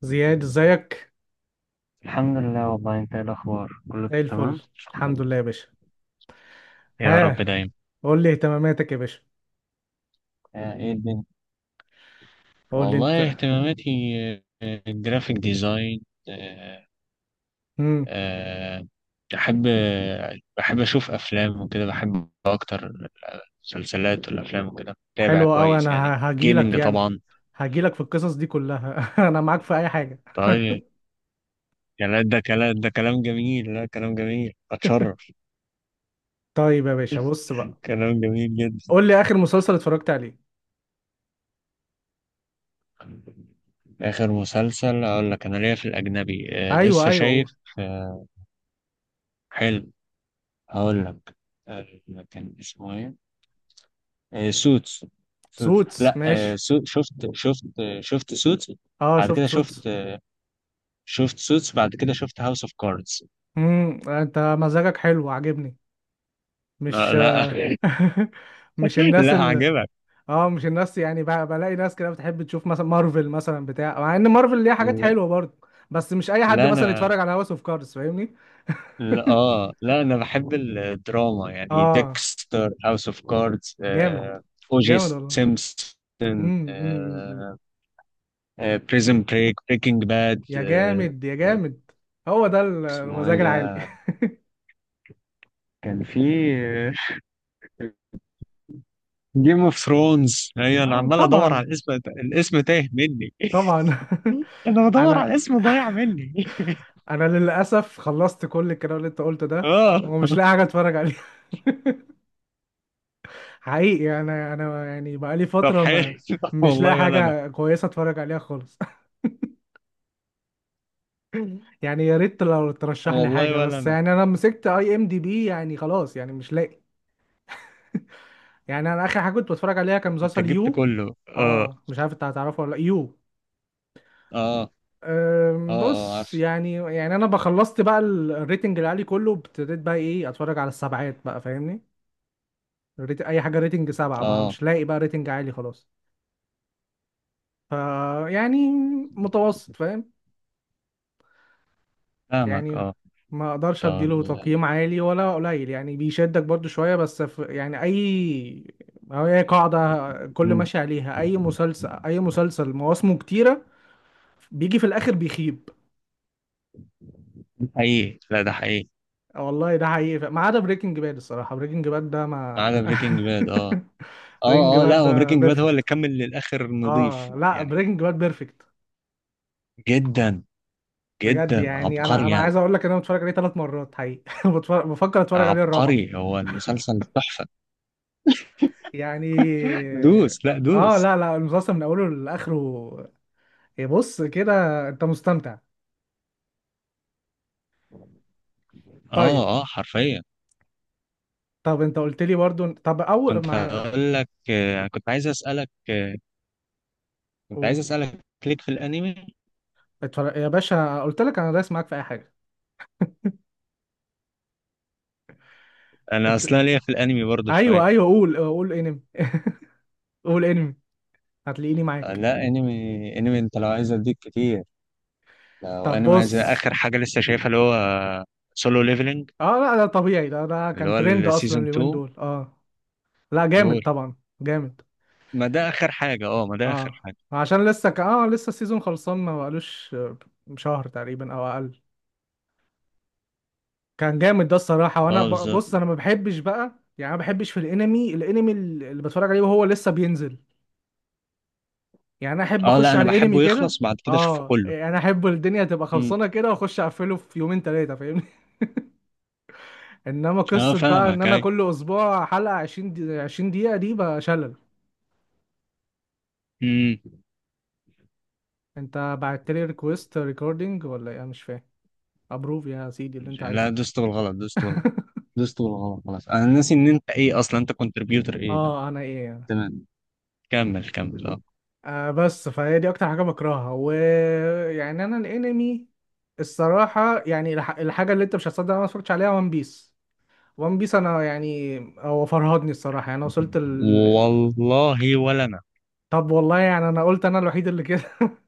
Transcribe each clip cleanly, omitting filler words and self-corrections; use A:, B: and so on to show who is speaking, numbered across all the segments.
A: زياد ازيك.
B: الحمد لله. والله انت ايه الاخبار، كله
A: زي الفل،
B: تمام؟
A: الحمد لله يا باشا.
B: يا رب
A: ها،
B: دايما.
A: قول لي اهتماماتك يا باشا.
B: ايه الدنيا.
A: قول لي
B: والله
A: انت.
B: اهتماماتي. الجرافيك ديزاين. آه،
A: امم
B: آه، بحب، بحب اشوف افلام وكده، بحب اكتر مسلسلات والافلام وكده، بتابع
A: حلو قوي.
B: كويس.
A: انا
B: يعني
A: هاجي لك
B: جيمنج
A: يعني،
B: طبعا.
A: هاجي لك في القصص دي كلها. انا معاك في اي حاجه.
B: طيب يعني لا ده كلام، ده كلام جميل، لا كلام جميل، اتشرف.
A: طيب يا باشا، بص بقى،
B: كلام جميل جدا.
A: قول لي اخر مسلسل اتفرجت عليه.
B: اخر مسلسل اقول لك، انا ليا في الاجنبي
A: ايوه
B: لسه
A: ايوه، قول.
B: شايف. آه، حلو. هقول لك. آه، كان اسمه ايه؟ سوتس. سوتس
A: سوتس،
B: لا
A: ماشي.
B: سو شفت. شفت. شفت سوتس.
A: اه،
B: بعد
A: شفت
B: كده شفت.
A: سوتس.
B: شفت سوتس بعد كده شفت هاوس اوف كاردز.
A: انت مزاجك حلو، عاجبني.
B: لا
A: مش
B: لا
A: مش الناس.
B: لا عجبك.
A: اه، مش الناس يعني. بلاقي ناس كده بتحب تشوف مثلا مارفل مثلا بتاع، مع ان مارفل ليها حاجات
B: لا,
A: حلوه برضه، بس مش اي حد
B: لا
A: مثلا
B: انا.
A: يتفرج على هاوس اوف كاردز، فاهمني؟
B: لا اه لا انا بحب الدراما يعني
A: اه،
B: ديكستر، هاوس اوف كاردز،
A: جامد.
B: او جي،
A: جامد والله.
B: سيمبسون،
A: أمم.
B: بريزن بريك، بريكنج باد.
A: يا جامد يا جامد. هو ده
B: اسمه ايه
A: المزاج العالي.
B: ده؟ كان في جيم اوف ثرونز. هي انا
A: اه
B: عمال ادور على
A: طبعا،
B: الاسم، الاسم تايه مني.
A: طبعا.
B: انا بدور على
A: انا
B: الاسم ضايع مني.
A: انا للاسف خلصت كل الكلام اللي انت قلته ده،
B: اه.
A: ومش لاقي حاجه اتفرج عليها. حقيقي انا، يعني بقالي
B: طب
A: فتره
B: حلو.
A: ما مش لاقي
B: والله ولا انا.
A: حاجه كويسه اتفرج عليها خالص. يعني يا ريت لو ترشح لي
B: والله
A: حاجه،
B: ولا
A: بس
B: انا.
A: يعني انا مسكت اي ام دي بي يعني، خلاص يعني مش لاقي. يعني انا اخر حاجه كنت بتفرج عليها كان
B: انت
A: مسلسل
B: جبت
A: يو.
B: كله. اه.
A: اه، مش عارف انت هتعرفه ولا لأ، يو.
B: اه. اه. اه
A: بص
B: عارف.
A: يعني، انا بخلصت بقى الريتنج العالي كله، ابتديت بقى ايه، اتفرج على السبعات بقى، فاهمني؟ اي حاجه ريتنج سبعة ما،
B: اه.
A: مش لاقي بقى ريتنج عالي خلاص. ف، يعني متوسط، فاهم؟
B: فاهمك.
A: يعني
B: اه.
A: ما اقدرش
B: طب.
A: اديله تقييم عالي ولا قليل، يعني بيشدك برضو شوية بس في يعني اي. أو هي قاعدة كل
B: مم،
A: ماشي عليها، اي مسلسل اي مسلسل مواسمه كتيرة بيجي في الاخر بيخيب.
B: ده حقيقي، لا ده حقيقي.
A: والله ده حقيقي، ما عدا بريكنج باد. الصراحة بريكنج باد ده
B: ما
A: ما
B: عدا بريكنج باد. اه.
A: بريكنج
B: اه اه، لا
A: باد
B: هو
A: ده
B: بريكنج باد هو اللي
A: بيرفكت.
B: كمل للاخر نظيف
A: اه لا،
B: يعني.
A: بريكنج باد بيرفكت
B: جدا.
A: بجد.
B: جدا
A: يعني انا
B: عبقري
A: انا
B: يعني.
A: عايز اقول لك ان انا بتفرج عليه ثلاث مرات حقيقي. بتفرج، بفكر اتفرج عليه الرابعة
B: عبقري، هو المسلسل تحفة.
A: يعني.
B: دوس لا دوس.
A: اه لا لا، المسلسل من اوله لاخره. إيه، بص كده. انت مستمتع؟ طيب.
B: اه اه حرفيا.
A: طب انت قلت لي برضو، طب اول
B: كنت
A: ما.
B: هقول لك كنت عايز اسالك كنت
A: أوه.
B: عايز اسالك ليك في الانمي.
A: اتفرج يا باشا، قلت لك انا دايس معاك في اي حاجه.
B: انا
A: انت،
B: اصلا ليا في الانمي برضو شويه.
A: ايوه ايوه قول، قول انمي. قول انمي، هتلاقيني معاك.
B: لا انمي. انمي انت لو عايز اديك كتير. لو
A: طب
B: انمي عايز
A: بص.
B: اخر حاجه لسه شايفها، اللي هو سولو ليفلنج.
A: اه لا ده طبيعي، ده ده
B: اللي
A: كان
B: هو
A: ترند اصلا
B: السيزون
A: اليومين
B: 2.
A: دول، اه. لا جامد
B: قول.
A: طبعا. جامد.
B: ما ده اخر حاجه. اه ما ده اخر
A: اه،
B: حاجه.
A: عشان لسه اه لسه السيزون خلصان، ما بقالوش شهر تقريبا او اقل. كان جامد ده الصراحه. وانا
B: اه بالظبط.
A: بص انا ما بحبش بقى يعني، أنا ما بحبش في الانمي، الانمي اللي بتفرج عليه وهو لسه بينزل. يعني انا احب
B: اه لا
A: اخش
B: انا
A: على الانمي
B: بحبه
A: كده،
B: يخلص بعد كده اشوفه
A: اه.
B: كله.
A: يعني انا احب الدنيا تبقى
B: امم.
A: خلصانه كده، واخش اقفله في يومين ثلاثه، فاهمني؟ انما
B: اه
A: قصه بقى ان
B: فاهمك.
A: انا
B: اي.
A: كل اسبوع حلقه 20 دي، 20 دقيقه دي بقى شلل.
B: امم.
A: انت بعت لي ريكويست ريكوردينج ولا ايه؟ أنا مش فاهم. ابروف يا سيدي اللي انت
B: لا
A: عايزه.
B: دوست بالغلط، دوست بالغلط. دوست بالغلط خلاص. انا ناسي ان انت ايه اصلا، انت كونتريبيوتر ايه
A: اه
B: بقى.
A: انا ايه يعني؟
B: تمام. كمل كمل. اه.
A: بس فهي دي اكتر حاجه بكرهها. ويعني انا الانمي الصراحه يعني، الحاجه اللي انت مش هتصدق انا ما اتفرجتش عليها، وان بيس. وان بيس انا، يعني هو فرهدني الصراحه يعني، أنا وصلت ال...
B: والله ولا انا.
A: طب والله يعني انا قلت انا الوحيد اللي كده.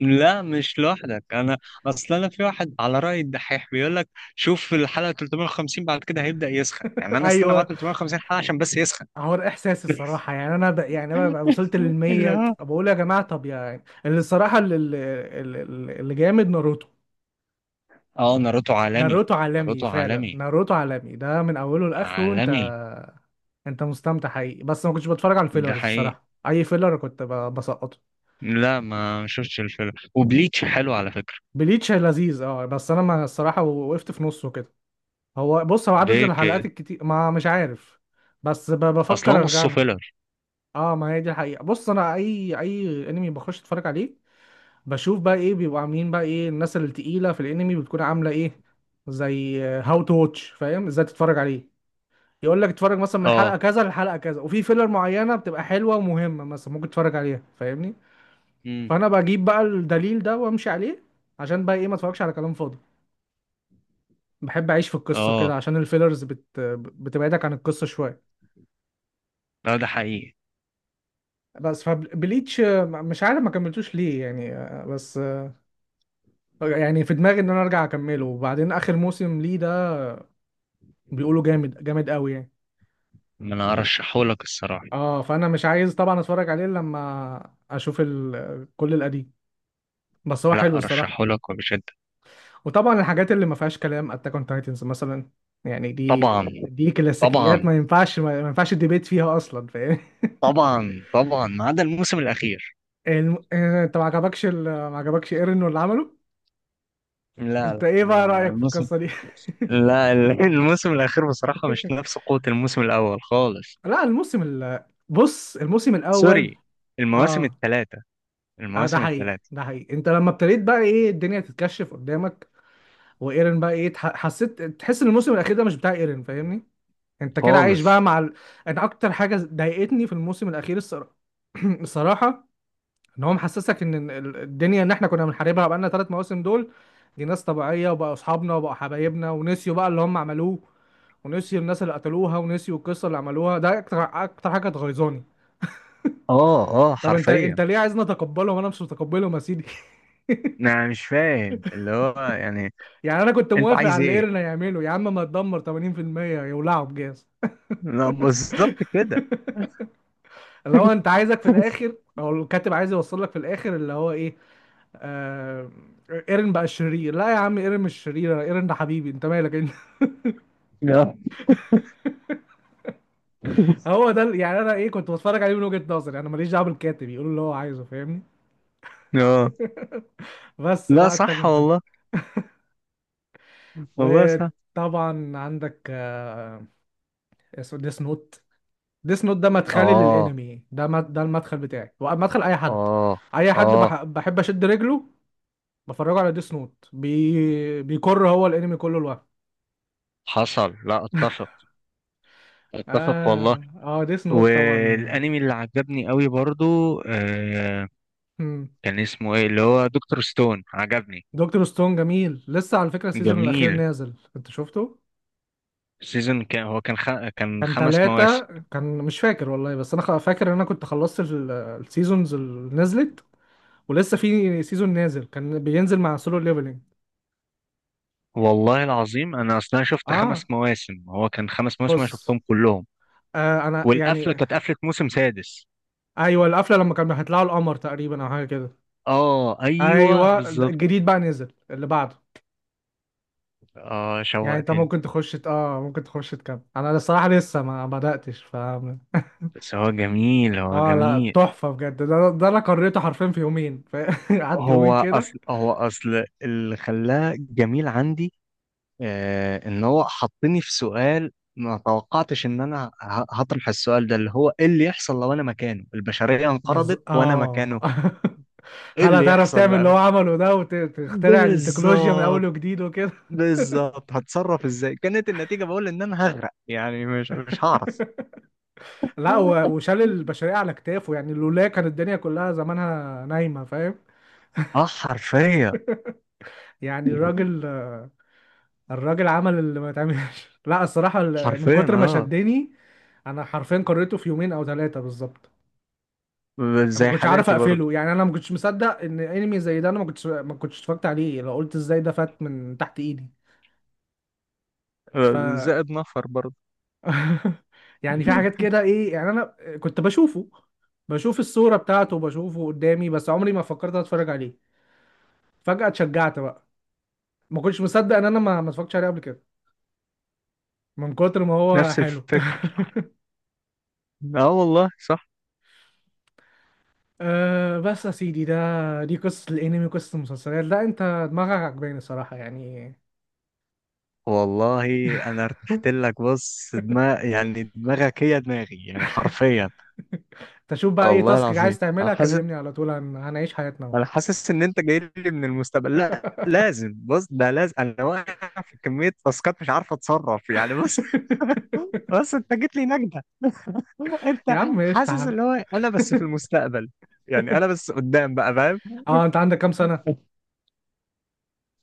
B: لا مش لوحدك انا. اصلا انا في واحد على راي الدحيح بيقول لك شوف في الحلقه 350 بعد كده هيبدا يسخن. يعني انا استنى بعد
A: ايوه.
B: 350 حلقه عشان بس يسخن.
A: هو الاحساس الصراحه يعني انا يعني انا ببقى وصلت
B: اللي
A: للمية،
B: هو.
A: بقول يا جماعه طب يعني، اللي الصراحه اللي, اللي, اللي جامد ناروتو.
B: اه ناروتو عالمي.
A: ناروتو عالمي
B: ناروتو
A: فعلا،
B: عالمي.
A: ناروتو عالمي ده من اوله لاخره. انت
B: عالمي.
A: انت مستمتع حقيقي، بس ما كنتش بتفرج على
B: ده
A: الفيلرز
B: حقيقي.
A: الصراحه، اي فيلر كنت بسقطه.
B: لا ما شفتش الفيلم، وبليتش حلو على فكره.
A: بليتش لذيذ اه، بس انا ما الصراحه وقفت في نصه كده. هو بص، هو عدد
B: ليه
A: الحلقات
B: كده.
A: الكتير، ما مش عارف، بس
B: اصلا
A: بفكر ارجع
B: نصه
A: له.
B: فيلر.
A: اه ما هي دي الحقيقه. بص انا اي انمي بخش اتفرج عليه، بشوف بقى ايه بيبقوا عاملين، بقى ايه الناس التقيله في الانمي بتكون عامله ايه، زي هاو تو واتش، فاهم ازاي تتفرج عليه؟ يقول لك اتفرج مثلا من حلقه
B: اه.
A: كذا لحلقه كذا، وفي فيلر معينه بتبقى حلوه ومهمه مثلا ممكن تتفرج عليها، فاهمني؟ فانا بجيب بقى الدليل ده وامشي عليه، عشان بقى ايه، ما اتفرجش على كلام فاضي، بحب اعيش في القصه كده،
B: اه
A: عشان الفيلرز بتبعدك عن القصه شويه.
B: لا ده حقيقي.
A: بس فبليتش مش عارف ما كملتوش ليه يعني، آه، بس آه، يعني في دماغي ان انا ارجع اكمله، وبعدين اخر موسم ليه ده بيقولوا جامد جامد قوي يعني.
B: ما انا ارشحهولك الصراحه.
A: اه فانا مش عايز طبعا اتفرج عليه إلا لما اشوف ال... كل القديم، بس هو حلو
B: لا
A: الصراحه.
B: ارشحهولك وبشده.
A: وطبعا الحاجات اللي ما فيهاش كلام، اتاك اون تايتنز مثلا، يعني دي،
B: طبعا.
A: دي كلاسيكيات،
B: طبعا
A: ما ينفعش ما ينفعش الديبيت فيها اصلا، فاهم؟
B: طبعا. طبعا ما عدا الموسم الاخير.
A: انت ما عجبكش ما عجبكش ايرن واللي عمله؟
B: لا
A: انت
B: لا
A: ايه بقى رايك في
B: الموسم.
A: القصه دي؟
B: لا الموسم الاخير بصراحه مش نفس قوه الموسم الاول خالص.
A: لا الموسم ال... بص، الموسم الاول،
B: سوري. المواسم
A: اه
B: الثلاثه.
A: اه، ده
B: المواسم
A: حقيقي
B: الثلاثه.
A: ده حقيقي. انت لما ابتديت بقى ايه الدنيا تتكشف قدامك، وايرن بقى ايه، حسيت تحس ان الموسم الاخير ده مش بتاع ايرن، فاهمني؟ انت كده عايش
B: خالص.
A: بقى مع ال... انا اكتر حاجه ضايقتني في الموسم الاخير الصراحه، الصراحه، ان هو محسسك ان الدنيا اللي احنا كنا بنحاربها بقالنا ثلاث مواسم دول، دي ناس طبيعيه وبقوا اصحابنا وبقوا حبايبنا، ونسيوا بقى اللي هم عملوه، ونسيوا الناس اللي قتلوها، ونسيوا القصه اللي عملوها. ده اكتر، اكتر حاجه غيظاني.
B: اه اه
A: طب انت
B: حرفيا.
A: ليه عايزني اتقبله وانا مش متقبله يا سيدي؟
B: انا مش فاهم اللي هو يعني.
A: يعني انا كنت
B: انت
A: موافق
B: عايز
A: على اللي
B: ايه؟
A: ايرن هيعمله، يا عم ما تدمر 80% يولعوا بجاز.
B: لا، بالظبط كده.
A: اللي هو انت عايزك في الاخر، او الكاتب عايز يوصل لك في الاخر اللي هو ايه، آه... ايرن بقى الشرير؟ لا يا عم، ايرن مش شرير، انا ايرن ده حبيبي، انت مالك انت؟ هو ده يعني انا ايه، كنت بتفرج عليه من وجهة نظري، انا ماليش دعوه بالكاتب يقول اللي هو عايزه، فاهمني؟
B: اه
A: بس
B: لا
A: ده اتاك،
B: صح
A: انت
B: والله. والله صح.
A: وطبعا عندك اسمه ديس نوت. ديس نوت ده مدخلي
B: اه
A: للانمي، ده ده المدخل بتاعي ومدخل اي حد.
B: اه
A: اي حد
B: اه.
A: بحب اشد رجله، بفرجه على ديس نوت. بيكر هو الانمي كله لوحده.
B: حصل، لا اتفق. اتفق والله.
A: اه اه، ديس نوت طبعا.
B: والانمي اللي عجبني قوي برضو كان اسمه ايه اللي هو دكتور ستون، عجبني.
A: دكتور ستون جميل، لسه على فكرة السيزون الأخير
B: جميل.
A: نازل، أنت شفته؟
B: سيزون كان هو كان كان
A: كان
B: خمس
A: تلاتة.
B: مواسم.
A: كان مش فاكر والله، بس أنا فاكر إن أنا كنت خلصت السيزونز اللي نزلت، ولسه في سيزون نازل كان بينزل مع سولو ليفلينج.
B: والله العظيم انا اصلا شفت خمس
A: آه
B: مواسم. هو كان خمس مواسم، انا
A: بص،
B: شفتهم كلهم.
A: أنا
B: والقفله
A: يعني.
B: كانت قفله موسم سادس.
A: أيوه القفلة لما كانوا هيطلعوا القمر تقريبا أو حاجة كده.
B: اه ايوه
A: أيوه ده
B: بالظبط.
A: الجديد بقى نزل اللي بعده.
B: اه
A: يعني أنت
B: شوقتني.
A: ممكن تخش ممكن تخش تكمل، أنا الصراحة لسه ما بدأتش ف.
B: بس هو جميل، هو
A: اه لا
B: جميل.
A: تحفة بجد، ده انا قريته حرفيا في يومين ف. قعدت يومين
B: هو
A: كده.
B: اصل، هو اصل اللي خلاه جميل عندي ان هو حطني في سؤال ما توقعتش ان انا هطرح السؤال ده، اللي هو ايه اللي يحصل لو انا مكانه، البشرية انقرضت
A: بز...
B: وانا
A: اه
B: مكانه. ايه
A: هل
B: اللي
A: هتعرف
B: يحصل
A: تعمل اللي
B: بقى.
A: هو عمله ده، وتخترع التكنولوجيا من
B: بالظبط.
A: اول وجديد وكده؟
B: بالظبط. هتصرف ازاي؟ كانت النتيجة بقول ان انا هغرق يعني، مش مش هعرف.
A: لا، وشال البشرية على كتافه، يعني لولا كانت الدنيا كلها زمانها نايمة، فاهم؟
B: اه حرفيا.
A: يعني الراجل، الراجل عمل اللي ما يتعملش. لا الصراحة من
B: حرفيا
A: كتر ما
B: اه.
A: شدني، انا حرفيا قريته في يومين او ثلاثة بالظبط. انا ما
B: زي
A: كنتش عارف
B: حالاتي برضه.
A: اقفله، يعني انا ما كنتش مصدق ان انمي زي ده انا ما كنتش اتفرجت عليه، لو قلت ازاي ده فات من تحت ايدي؟ ف
B: زائد نفر برضه.
A: يعني في حاجات كده ايه، يعني انا كنت بشوفه، بشوف الصورة بتاعته، بشوفه قدامي بس عمري ما فكرت اتفرج عليه. فجأة اتشجعت بقى، ما كنتش مصدق ان انا ما اتفرجتش عليه قبل كده، من كتر ما هو
B: نفس
A: حلو.
B: الفكرة. اه والله صح.
A: أه بس يا سيدي، ده، دي قصة الانمي، قصة المسلسلات، لا انت دماغك عجباني الصراحة يعني.
B: والله انا ارتحت لك. بص دماغ يعني، دماغك هي دماغي يعني حرفيا.
A: تشوف بقى ايه
B: والله
A: تاسك
B: العظيم
A: عايز
B: انا
A: تعملها،
B: حاسس.
A: كلمني على طول، هنعيش حياتنا بقى.
B: انا حاسس ان انت جاي لي من المستقبل. لا لازم، بص، ده لازم. انا واقع في كمية تاسكات مش عارف اتصرف يعني. بص. بص انت جيت لي نجدة. انت.
A: يا عم قشطة يا
B: حاسس
A: عم.
B: اللي هو انا بس في المستقبل، يعني انا بس قدام بقى، فاهم؟
A: اه انت عندك كام سنة؟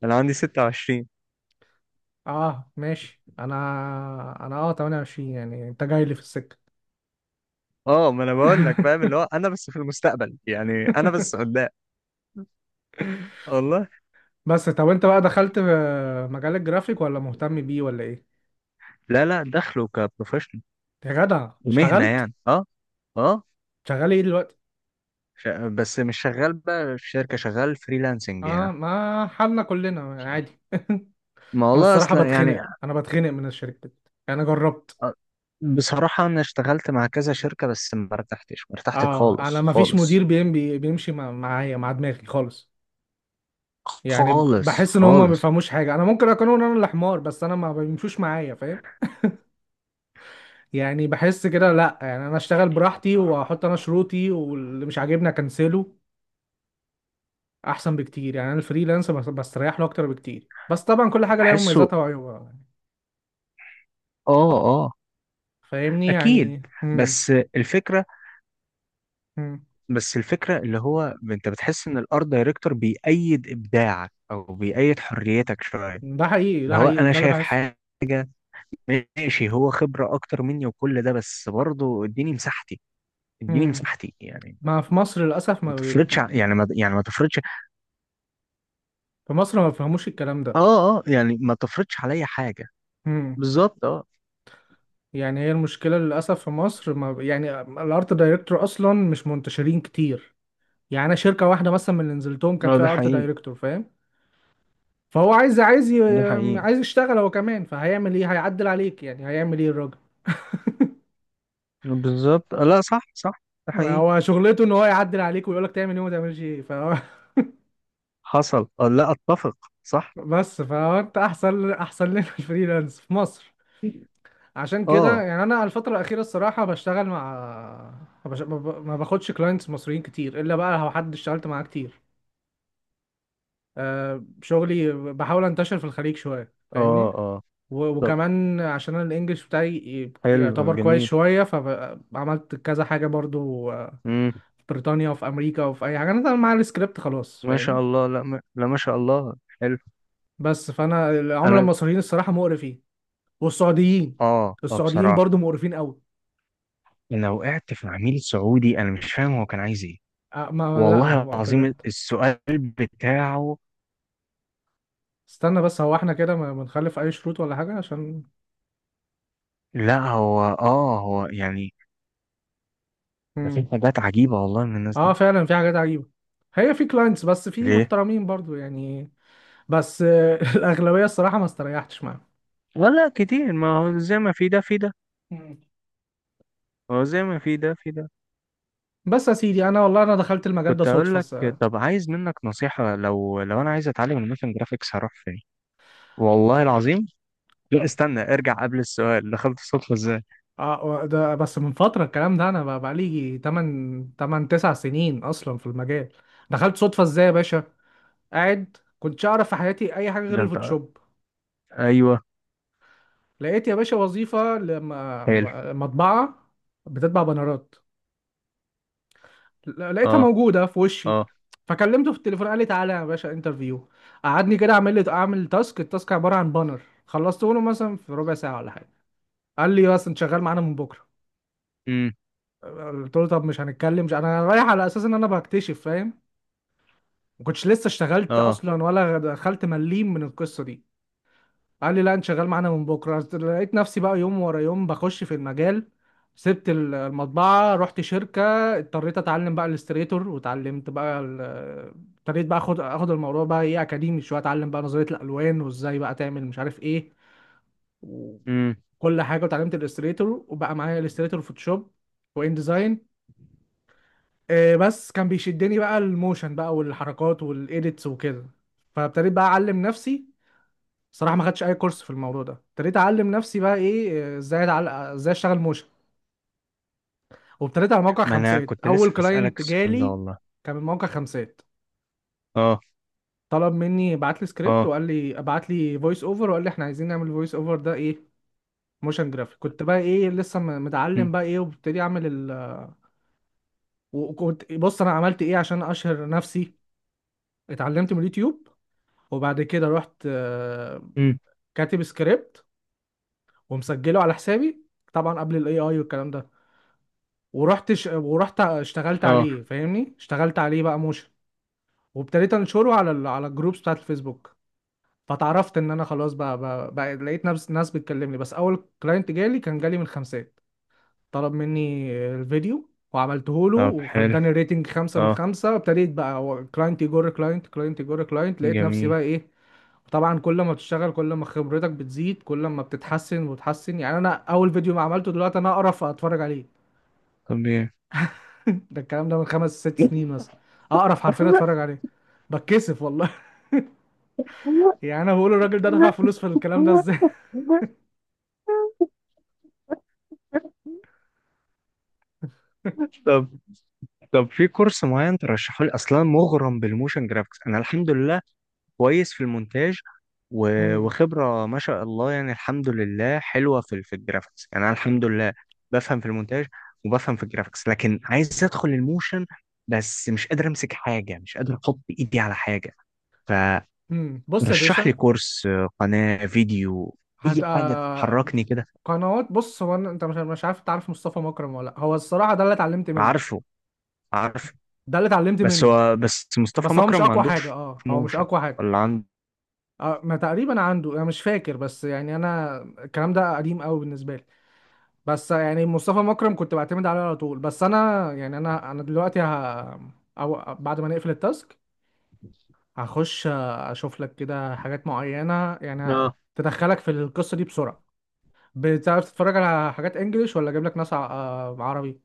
B: انا عندي 26.
A: اه ماشي، انا انا اه 28، يعني انت جاي لي في السكة.
B: اه ما انا بقول لك فاهم اللي هو انا بس في المستقبل، يعني انا بس قدام. والله.
A: بس طب انت بقى دخلت في مجال الجرافيك ولا مهتم بيه ولا ايه؟
B: لا لا، دخله كبروفيشنال.
A: يا جدع
B: مهنة
A: اشتغلت؟
B: يعني، اه. اه.
A: شغال ايه دلوقتي؟
B: بس مش شغال بقى في شركة، شغال فريلانسنج
A: اه
B: يعني.
A: ما حالنا كلنا عادي.
B: ما
A: انا
B: والله
A: الصراحة
B: اصلا يعني.
A: بتخنق، انا بتخنق من الشركات، يعني انا جربت.
B: آه، بصراحة انا اشتغلت مع كذا شركة بس ما ارتحتش، ما ارتحتش
A: اه انا
B: خالص
A: ما فيش مدير
B: خالص.
A: بيمشي معايا مع دماغي خالص. يعني
B: خالص
A: بحس ان هم ما
B: خالص.
A: بيفهموش حاجه، انا ممكن اكون انا اللي حمار بس انا ما بيمشوش معايا، فاهم؟ يعني بحس كده لا، يعني انا اشتغل
B: يعني
A: براحتي، واحط انا شروطي، واللي مش عاجبني اكنسله، احسن بكتير. يعني انا الفريلانس بستريح له اكتر بكتير، بس طبعا كل حاجه ليها
B: بحسه.
A: مميزاتها وعيوبها،
B: اه. اه.
A: فاهمني؟
B: اكيد.
A: يعني
B: بس الفكرة.
A: امم
B: بس الفكرة اللي هو، انت بتحس ان الارت دايركتور بيأيد ابداعك او بيأيد حريتك شوية.
A: ده حقيقي
B: اللي
A: ده
B: هو
A: حقيقي،
B: انا
A: ده اللي
B: شايف
A: بحسه.
B: حاجة، ماشي هو خبرة أكتر مني وكل ده، بس برضه اديني مساحتي. اديني
A: امم
B: مساحتي يعني.
A: ما في مصر للاسف
B: ما
A: ما
B: تفرضش ع- يعني ما يعني ما تفرضش.
A: في مصر ما بيفهموش الكلام
B: اه
A: ده.
B: اه يعني ما تفرضش عليا حاجة.
A: إمم.
B: بالظبط اه.
A: يعني هي المشكلة للأسف في مصر، ما يعني الارت دايركتور أصلا مش منتشرين كتير، يعني أنا شركة واحدة مثلا من اللي نزلتهم كان
B: اه ده
A: فيها ارت
B: حقيقي،
A: دايركتور، فاهم؟ فهو عايز،
B: ده حقيقي.
A: عايز يشتغل هو كمان. فهيعمل ايه؟ هيعدل عليك، يعني هيعمل ايه الراجل.
B: بالظبط لا صح صح. ده حقيقي.
A: هو شغلته ان هو يعدل عليك ويقول لك تعمل ايه وما تعملش ايه. فهو
B: حصل اه، لا أتفق. صح.
A: بس فهو انت احسن، احسن لنا الفريلانس في مصر. عشان كده
B: اه
A: يعني انا الفتره الاخيره الصراحه بشتغل مع ما بش- ما ب- ما باخدش كلاينتس مصريين كتير الا بقى لو حد اشتغلت معاه كتير. آه، شغلي بحاول انتشر في الخليج شوية
B: اه
A: فاهمني.
B: اه.
A: و-
B: طب
A: وكمان عشان انا الانجليش بتاعي
B: حلو
A: يعتبر كويس
B: جميل.
A: شوية، فعملت كذا حاجة برضو. آه،
B: امم.
A: في بريطانيا وفي امريكا وفي اي حاجة انا طبعاً معايا السكريبت خلاص
B: ما شاء
A: فاهمني.
B: الله. لا ما شاء الله. حلو.
A: بس فانا العملاء
B: انا.
A: المصريين الصراحة مقرفين، والسعوديين.
B: اه اه
A: السعوديين
B: بصراحة
A: برضو مقرفين قوي.
B: انا وقعت في عميل سعودي، انا مش فاهم هو كان عايز ايه.
A: آه، لا
B: والله
A: هو
B: العظيم
A: بجد.
B: السؤال بتاعه.
A: استنى بس، هو احنا كده ما نخلف اي شروط ولا حاجة عشان
B: لا هو اه، هو يعني. ده في
A: مم.
B: حاجات عجيبة والله من الناس
A: اه
B: دي.
A: فعلا في حاجات عجيبة. هي في كلاينتس بس في
B: ليه؟
A: محترمين برضو يعني. بس آه، الاغلبيه الصراحه ما استريحتش معاهم.
B: ولا كتير. ما هو زي ما في ده في ده.
A: مم.
B: هو زي ما في ده في ده.
A: بس يا سيدي انا والله انا دخلت المجال ده
B: كنت أقول
A: صدفه
B: لك. طب عايز منك نصيحة، لو لو أنا عايز أتعلم الموشن جرافيكس هروح فين؟ والله العظيم. لا استنى، ارجع قبل السؤال، دخلت الصدفة ازاي؟
A: ده بس من فتره. الكلام ده انا بقى بقالي 8 8 9 سنين اصلا في المجال. دخلت صدفه ازاي يا باشا؟ قاعد كنتش اعرف في حياتي اي حاجه غير
B: ده أنت.
A: الفوتوشوب.
B: أيوه.
A: لقيت يا باشا وظيفه لما
B: حلو.
A: مطبعه بتطبع بانرات. لقيتها
B: اه.
A: موجوده في وشي.
B: اه.
A: فكلمته في التليفون، قال لي: تعالى يا باشا انترفيو. قعدني كده اعمل لي، اعمل تاسك. التاسك عباره عن بانر. خلصته له مثلا في ربع ساعه ولا حاجه. قال لي: بس انت شغال معانا من بكره.
B: امم.
A: قلت له: طب مش هنتكلم؟ مش انا رايح على اساس ان انا بكتشف فاهم. ما كنتش لسه اشتغلت
B: اه.
A: اصلا ولا دخلت مليم من القصه دي. قال لي: لا انت شغال معانا من بكره. لقيت نفسي بقى يوم ورا يوم بخش في المجال. سبت المطبعه، رحت شركه. اضطريت اتعلم بقى الاستريتور، واتعلمت بقى ابتديت بقى اخد الموضوع بقى ايه اكاديمي شويه. اتعلم بقى نظريه الالوان وازاي بقى تعمل مش عارف ايه
B: امم.
A: وكل حاجه. واتعلمت الاستريتور، وبقى معايا الاستريتور، فوتوشوب، وان ديزاين. آه، بس كان بيشدني بقى الموشن بقى، والحركات والايديتس وكده. فابتديت بقى اعلم نفسي. صراحه ما خدتش اي كورس في الموضوع ده. ابتديت اعلم نفسي بقى ايه، ازاي اتعلق، ازاي اشتغل موشن. وابتديت على موقع
B: ما أنا
A: خمسات.
B: كنت لسه
A: اول
B: هسألك
A: كلاينت
B: السؤال ده
A: جالي
B: والله.
A: كان من موقع خمسات.
B: اه.
A: طلب مني، بعت لي سكريبت،
B: اه.
A: وقال لي: ابعت لي فويس اوفر، وقال لي: احنا عايزين نعمل فويس اوفر ده ايه موشن جرافيك. كنت بقى ايه لسه
B: امم.
A: متعلم بقى ايه، وابتدي اعمل وكنت بص انا عملت ايه عشان اشهر نفسي. اتعلمت من اليوتيوب، وبعد كده رحت. آه،
B: امم.
A: كاتب سكريبت ومسجله على حسابي، طبعا قبل الاي اي والكلام ده. ورحت اشتغلت
B: اه.
A: عليه فاهمني، اشتغلت عليه بقى موشن. وابتديت انشره على على الجروبس بتاعت الفيسبوك. فتعرفت ان انا خلاص، بقى لقيت ناس بتكلمني. بس اول كلاينت جالي كان جالي من خمسات. طلب مني الفيديو، وعملته له،
B: طب حلو.
A: واداني ريتنج خمسة من
B: اه
A: خمسة. ابتديت بقى كلاينت يجر كلاينت، كلاينت يجر كلاينت، لقيت نفسي
B: جميل.
A: بقى ايه. طبعا كل ما بتشتغل كل ما خبرتك بتزيد، كل ما بتتحسن وتحسن. يعني انا اول فيديو ما عملته دلوقتي انا اقرف اتفرج عليه.
B: طب ايه.
A: ده الكلام ده من خمس ست سنين مثلا. اقرف حرفيا اتفرج عليه، بتكسف والله. يعني انا بقول الراجل ده دفع فلوس في الكلام ده ازاي.
B: طب. طب في كورس معين ترشحه لي؟ اصلا مغرم بالموشن جرافيكس انا الحمد لله. كويس في المونتاج،
A: مم.
B: وخبرة ما شاء الله يعني الحمد لله، حلوة في في الجرافيكس يعني انا الحمد لله. بفهم في المونتاج، وبفهم في الجرافيكس، لكن عايز ادخل الموشن. بس مش قادر امسك حاجة، مش قادر احط ايدي على حاجة.
A: مم. بص يا
B: رشح لي
A: باشا.
B: كورس، قناة فيديو. أي حاجة
A: آه،
B: تحركني كده.
A: قنوات. بص انت مش عارف تعرف مصطفى مكرم ولا لأ. هو الصراحه ده اللي اتعلمت منه.
B: عارفه. عارفه.
A: ده اللي اتعلمت
B: بس
A: منه.
B: هو، بس مصطفى
A: بس هو مش
B: مكرم ما
A: اقوى حاجه،
B: عندوش
A: اه هو مش
B: موشن.
A: اقوى حاجه.
B: ولا عنده.
A: آه ما تقريبا عنده، انا مش فاكر، بس يعني انا الكلام ده قديم قوي بالنسبه لي. بس يعني مصطفى مكرم كنت بعتمد عليه على طول. بس انا يعني انا دلوقتي أو بعد ما نقفل التاسك هخش اشوف لك كده حاجات معينة، يعني
B: اه
A: تدخلك في القصة دي بسرعة. بتعرف تتفرج على حاجات انجليش ولا اجيب لك ناس آه، عربي؟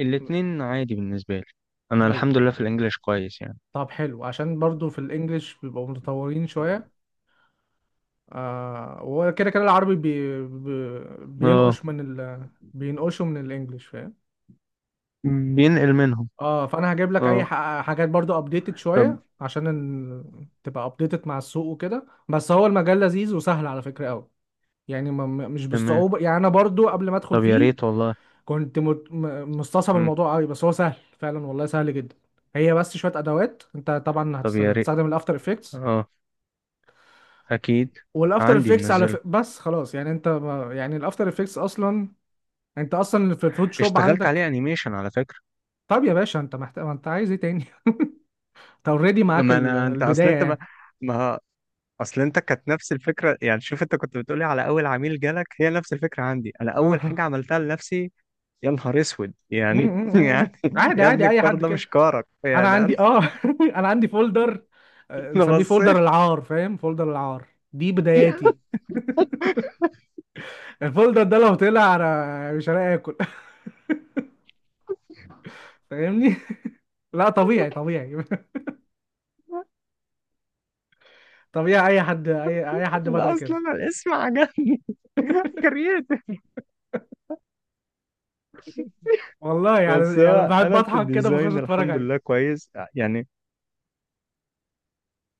B: الاتنين عادي بالنسبة لي. أنا
A: طيب.
B: الحمد لله في الإنجليش كويس يعني.
A: طب حلو، عشان برضو في الانجليش بيبقوا متطورين شوية. آه وكده كده العربي
B: اه
A: بينقش من بينقشوا من الانجليش فاهم.
B: بينقل منهم.
A: اه فانا هجيب لك اي
B: اه.
A: حاجات برضو ابديتد
B: طب
A: شويه عشان تبقى ابديتد مع السوق وكده. بس هو المجال لذيذ وسهل على فكره قوي. يعني مش
B: تمام.
A: بالصعوبه. يعني انا برضو قبل ما ادخل
B: طب يا
A: فيه
B: ريت والله.
A: كنت مستصعب
B: مم.
A: الموضوع قوي، بس هو سهل فعلا، والله سهل جدا. هي بس شويه ادوات. انت طبعا
B: طب يا ريت.
A: هتستخدم الافتر افكتس.
B: اه أكيد.
A: والافتر
B: عندي
A: افكتس على
B: منزله.
A: بس خلاص، يعني انت يعني الافتر افكتس اصلا، انت اصلا في الفوتوشوب
B: اشتغلت عليه
A: عندك.
B: أنيميشن على فكرة.
A: طب يا باشا انت محتاج، انت عايز ايه تاني؟ انت اوريدي معاك
B: ما أنا، أنت، أصل
A: البدايه
B: أنت ما،
A: يعني.
B: ما، اصل انت كانت نفس الفكره يعني، شوف انت كنت بتقولي على اول عميل جالك، هي نفس الفكره عندي. انا اول
A: اه
B: حاجه عملتها لنفسي يا نهار اسود يعني. يعني
A: عادي
B: يا ابني
A: عادي اي
B: الكار
A: حد
B: ده
A: كده.
B: مش كارك
A: انا
B: يعني انا.
A: عندي اه انا عندي فولدر، آه،
B: أنا
A: مسميه
B: بصيت.
A: فولدر العار، فاهم، فولدر العار. دي بداياتي. الفولدر ده لو طلع انا مش هلاقي اكل. فاهمني. لا طبيعي طبيعي. طبيعي اي حد، اي حد بدأ
B: لا
A: كده.
B: اصلا أنا الاسم عجبني. كرييتيف.
A: والله
B: بس
A: يعني يعني
B: هو
A: بحب
B: انا في
A: اضحك كده بخش
B: الديزاين
A: اتفرج
B: الحمد
A: عليه.
B: لله كويس يعني.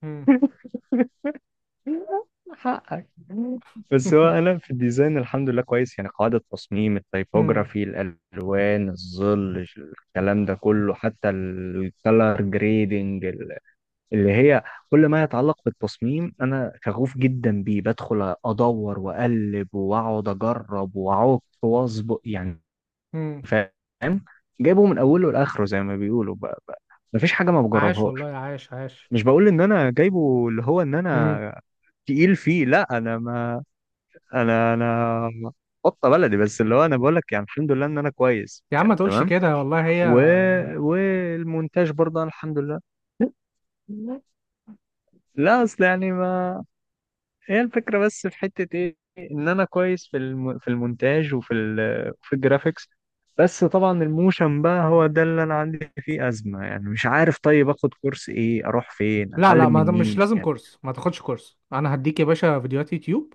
A: مم.
B: حقك. بس هو انا في الديزاين الحمد لله كويس يعني، قاعدة تصميم،
A: مم.
B: التيبوجرافي، الالوان، الظل، الكلام ده كله، حتى الكلر جريدنج. اللي هي كل ما يتعلق بالتصميم انا شغوف جدا بيه، بدخل ادور واقلب واقعد اجرب واعوق واظبط يعني.
A: مم.
B: فاهم. جايبه من اوله لاخره زي ما بيقولوا بقى بقى. مفيش حاجة ما
A: عاش والله،
B: بجربهاش.
A: عاش عاش.
B: مش بقول ان انا جايبه، اللي هو ان
A: مم.
B: انا تقيل فيه. لا انا ما، انا انا قطه بلدي، بس اللي هو انا بقول لك يعني الحمد لله ان انا كويس
A: يا عم ما
B: يعني
A: تقولش
B: تمام.
A: كده والله هي.
B: و... والمونتاج برضه أنا الحمد لله. لا اصل يعني ما، هي الفكره بس في حته ايه ان انا كويس في في المونتاج وفي في الجرافيكس. بس طبعا الموشن بقى هو ده اللي انا عندي فيه ازمه يعني، مش عارف طيب اخد كورس ايه، اروح فين،
A: لا لا
B: اتعلم
A: ما
B: من
A: مش
B: مين
A: لازم
B: يعني.
A: كورس، ما تاخدش كورس. انا هديك يا باشا فيديوهات يوتيوب.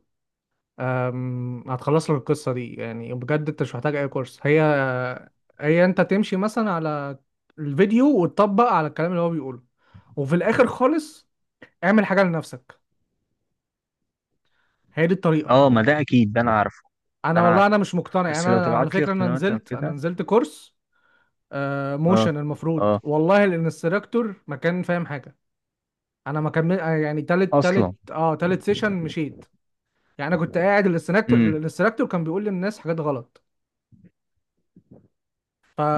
A: أم، هتخلص لك القصة دي. يعني بجد انت مش محتاج اي كورس. هي هي انت تمشي مثلا على الفيديو وتطبق على الكلام اللي هو بيقوله، وفي الاخر خالص اعمل حاجة لنفسك. هي دي الطريقة.
B: اه ما ده اكيد، ده انا عارف. ده
A: انا
B: انا
A: والله
B: عارف.
A: انا مش مقتنع، يعني
B: بس
A: انا
B: لو
A: أنا على
B: تبعت لي
A: فكرة انا
B: قنوات او
A: نزلت انا
B: كده.
A: نزلت كورس. آه،
B: اه.
A: موشن. المفروض
B: اه.
A: والله الانستراكتور ما كان فاهم حاجة. انا ما كمل آه، يعني
B: اصلا.
A: تالت سيشن مشيت. يعني انا كنت قاعد الانستراكتور
B: امم.
A: الانستراكتور كان بيقول للناس حاجات غلط،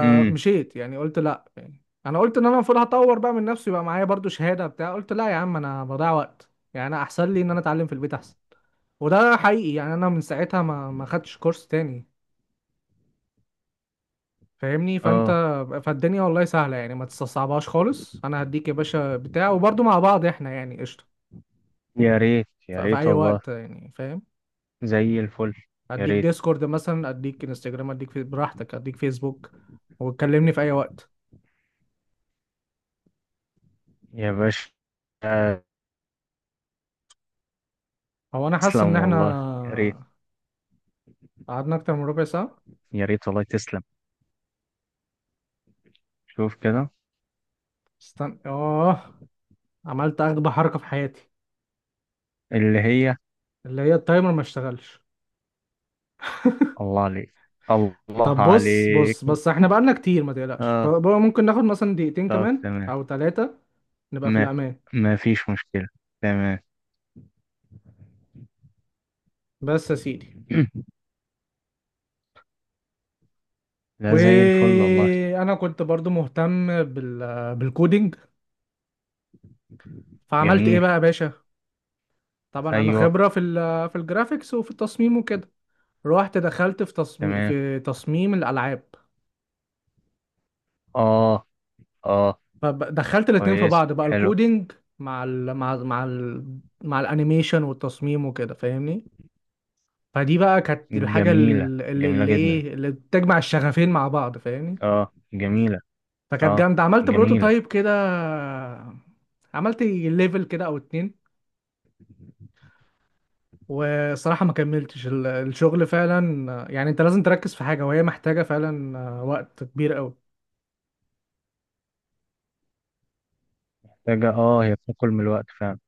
B: امم.
A: يعني قلت لا، يعني انا قلت ان انا المفروض هطور بقى من نفسي بقى، معايا برضو شهاده بتاع. قلت لا يا عم انا بضيع وقت، يعني انا احسن لي ان انا اتعلم في البيت احسن. وده حقيقي، يعني انا من ساعتها ما خدتش كورس تاني فاهمني. فانت،
B: اه.
A: فالدنيا والله سهله، يعني ما تستصعبهاش خالص. انا هديك يا باشا بتاع، وبرضو مع بعض احنا يعني قشطه
B: يا ريت يا
A: في
B: ريت
A: اي
B: والله.
A: وقت يعني فاهم.
B: زي الفل. يا
A: اديك
B: ريت.
A: ديسكورد مثلا، اديك انستجرام، اديك في براحتك، اديك فيسبوك، وتكلمني في اي وقت.
B: يا باشا.
A: هو انا حاسس ان
B: تسلم والله. يا ريت
A: احنا قعدنا اكتر من ربع ساعه.
B: يا ريت والله. تسلم. شوف كده.
A: استنى اه، عملت اغبى حركه في حياتي.
B: اللي هي.
A: اللي هي التايمر ما اشتغلش.
B: الله عليك. الله
A: طب بص
B: عليك.
A: بص بص احنا بقالنا كتير، ما تقلقش،
B: اه.
A: بقى ممكن ناخد مثلا دقيقتين
B: طب
A: كمان
B: تمام.
A: او ثلاثه، نبقى في
B: ما،
A: الامان.
B: ما فيش مشكلة. تمام.
A: بس يا سيدي،
B: ده زي الفل والله.
A: وانا كنت برضو مهتم بالكودينج. فعملت ايه
B: جميل.
A: بقى يا باشا؟ طبعا انا
B: ايوه.
A: خبره في في الجرافيكس وفي التصميم وكده. رحت دخلت في
B: تمام.
A: تصميم الالعاب.
B: اه. اه.
A: فدخلت الاتنين في
B: كويسة
A: بعض بقى
B: حلو.
A: الكودينج مع ال مع ال مع ال مع الانيميشن والتصميم وكده فاهمني. فدي بقى كانت الحاجة
B: جميلة.
A: ال- اللي
B: جميلة
A: اللي
B: جدا.
A: ايه اللي بتجمع الشغفين مع بعض فاهمني.
B: اه جميلة.
A: فكانت
B: اه
A: جامدة، عملت
B: جميلة.
A: بروتوتايب كده، عملت ليفل كده او اتنين. وصراحة ما كملتش الشغل. فعلا يعني انت لازم تركز في حاجة، وهي محتاجة فعلا آه، وقت كبير قوي.
B: محتاجة اه، هي بتاكل من الوقت فعلا.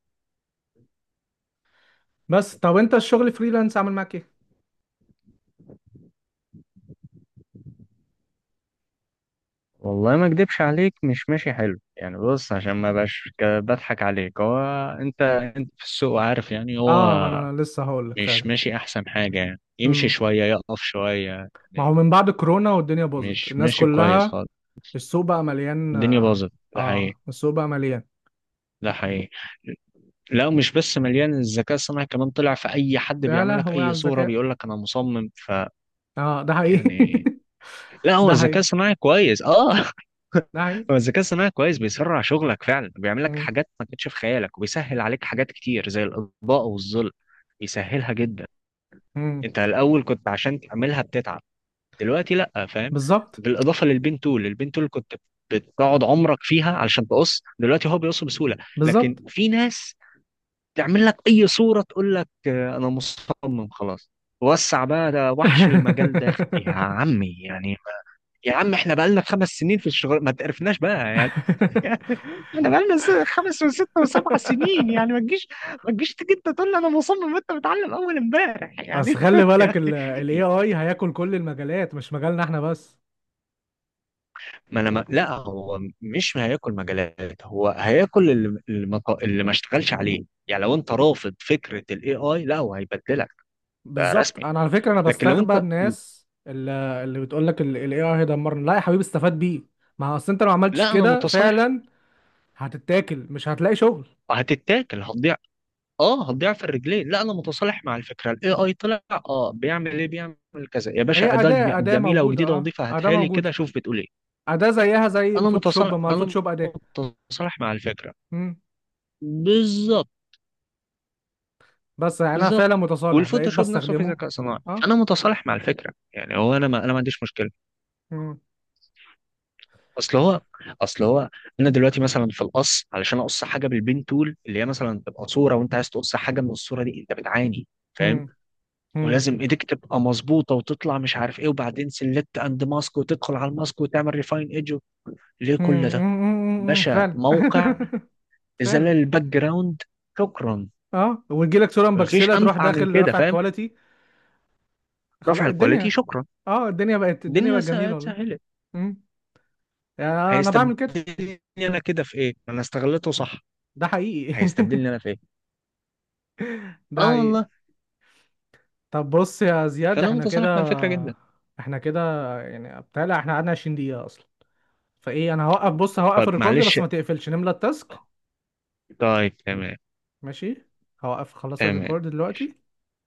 A: بس طب انت الشغل فريلانس عامل معاك ايه؟
B: والله ما اكدبش عليك، مش ماشي حلو يعني. بص عشان ما بقاش بضحك عليك. هو انت، انت في السوق عارف يعني هو
A: اه ما انا لسه هقول لك.
B: مش ماشي احسن حاجة يعني، يمشي
A: فعلا،
B: شوية يقف شوية
A: ما هو
B: يعني.
A: من بعد كورونا والدنيا باظت
B: مش
A: الناس
B: ماشي كويس
A: كلها.
B: خالص.
A: السوق بقى مليان
B: الدنيا
A: اه.
B: باظت ده حقيقي.
A: آه، السوق بقى مليان.
B: ده حقيقي. لا مش بس مليان، الذكاء الصناعي كمان طلع، في اي حد
A: يا
B: بيعمل لك
A: لهوي على
B: اي صورة
A: الذكاء.
B: بيقول لك انا مصمم
A: اه ده حقيقي.
B: يعني. لا هو
A: ده
B: الذكاء
A: حقيقي،
B: الصناعي كويس اه.
A: ده حقيقي.
B: هو الذكاء الصناعي كويس، بيسرع شغلك فعلا، بيعمل لك
A: مم.
B: حاجات ما كانتش في خيالك، وبيسهل عليك حاجات كتير زي الاطباء والظل، بيسهلها جدا.
A: مم.
B: انت الاول كنت عشان تعملها بتتعب، دلوقتي لا فاهم.
A: بالظبط.
B: بالاضافه للبين تول، البين تول كنت بتقعد عمرك فيها علشان تقص، دلوقتي هو بيقص بسهوله. لكن
A: بالظبط.
B: في ناس تعمل لك اي صوره تقول لك انا مصمم خلاص. وسع بقى، ده وحش المجال ده يا عمي يعني. يا عم احنا بقالنا خمس سنين في الشغل ما تعرفناش بقى يعني. احنا بقالنا خمس وست وسبع سنين يعني، ما تجيش، ما تجيش تيجي انت تقول لي انا مصمم، انت متعلم اول امبارح يعني.
A: بس خلي بالك
B: يعني.
A: ال AI هياكل كل المجالات، مش مجالنا احنا بس.
B: ما انا ما... لا هو مش هياكل مجالات، هو هياكل اللي اللي ما ط- اللي ما اشتغلش عليه. يعني لو انت رافض فكرة الاي اي لا، هو هيبدلك. ده
A: بالظبط.
B: رسمي.
A: انا على فكرة انا
B: لكن لو
A: بستغرب
B: انت.
A: الناس اللي بتقول لك ال AI هيدمرنا. لا يا حبيبي استفاد بيه. ما هو اصل انت لو عملتش
B: لا انا
A: كده
B: متصالح.
A: فعلا هتتاكل، مش هتلاقي شغل.
B: هتتاكل هتضيع. اه هتضيع في الرجلين. لا انا متصالح مع الفكره. الاي اي طلع اه، بيعمل ايه بيعمل كذا يا
A: هي
B: باشا، اداه
A: أداة، أداة
B: جميله
A: موجودة،
B: وجديده
A: اه
B: ونظيفه،
A: أداة
B: هاتها لي كده
A: موجودة.
B: شوف بتقول ايه.
A: أداة زيها زي
B: انا
A: الفوتوشوب،
B: متصالح.
A: ما
B: انا
A: الفوتوشوب أداة.
B: متصالح مع الفكره.
A: مم.
B: بالظبط.
A: بس يعني أنا فعلا
B: بالظبط.
A: متصالح، بقيت
B: والفوتوشوب نفسه في
A: بستخدمه.
B: ذكاء صناعي.
A: اه
B: انا متصالح مع الفكره يعني، هو انا ما، انا ما عنديش مشكله.
A: مم.
B: اصل هو، اصل هو، انا دلوقتي مثلا في القص، علشان اقص حاجه بالبين تول، اللي هي مثلا تبقى صوره وانت عايز تقص حاجه من الصوره دي، انت بتعاني فاهم.
A: مم. مم.
B: ولازم ايديك تبقى مظبوطه وتطلع مش عارف ايه، وبعدين سلكت اند ماسك، وتدخل على الماسك وتعمل ريفاين ايدج. ليه
A: مم.
B: كل ده؟
A: مم. مم. مم.
B: باشا
A: فعلا.
B: موقع
A: فعلا.
B: ازاله الباك جراوند، شكرا.
A: اه ويجيلك صورة
B: مفيش
A: مبكسلة تروح
B: امتع من
A: داخل
B: كده
A: رافع
B: فاهم.
A: الكواليتي. خلاص
B: رفع الكواليتي،
A: الدنيا.
B: شكرا.
A: اه الدنيا بقت، الدنيا
B: الدنيا
A: بقت جميلة والله.
B: اتسهلت.
A: مم. يعني أنا بعمل كده.
B: هيستبدلني انا كده في ايه، انا استغلته صح.
A: ده حقيقي.
B: هيستبدلني انا في ايه.
A: ده
B: اه
A: حقيقي.
B: والله.
A: طب بص يا زياد،
B: فانا
A: احنا كده،
B: متصالح مع الفكره جدا.
A: احنا كده، يعني بتهيألي احنا قعدنا 20 دقيقة اصلا. فايه انا هوقف، بص هوقف
B: طيب
A: الريكورد
B: معلش.
A: بس ما تقفلش، نملى التاسك.
B: طيب تمام.
A: ماشي، هوقف خلاص
B: تمام
A: الريكورد دلوقتي.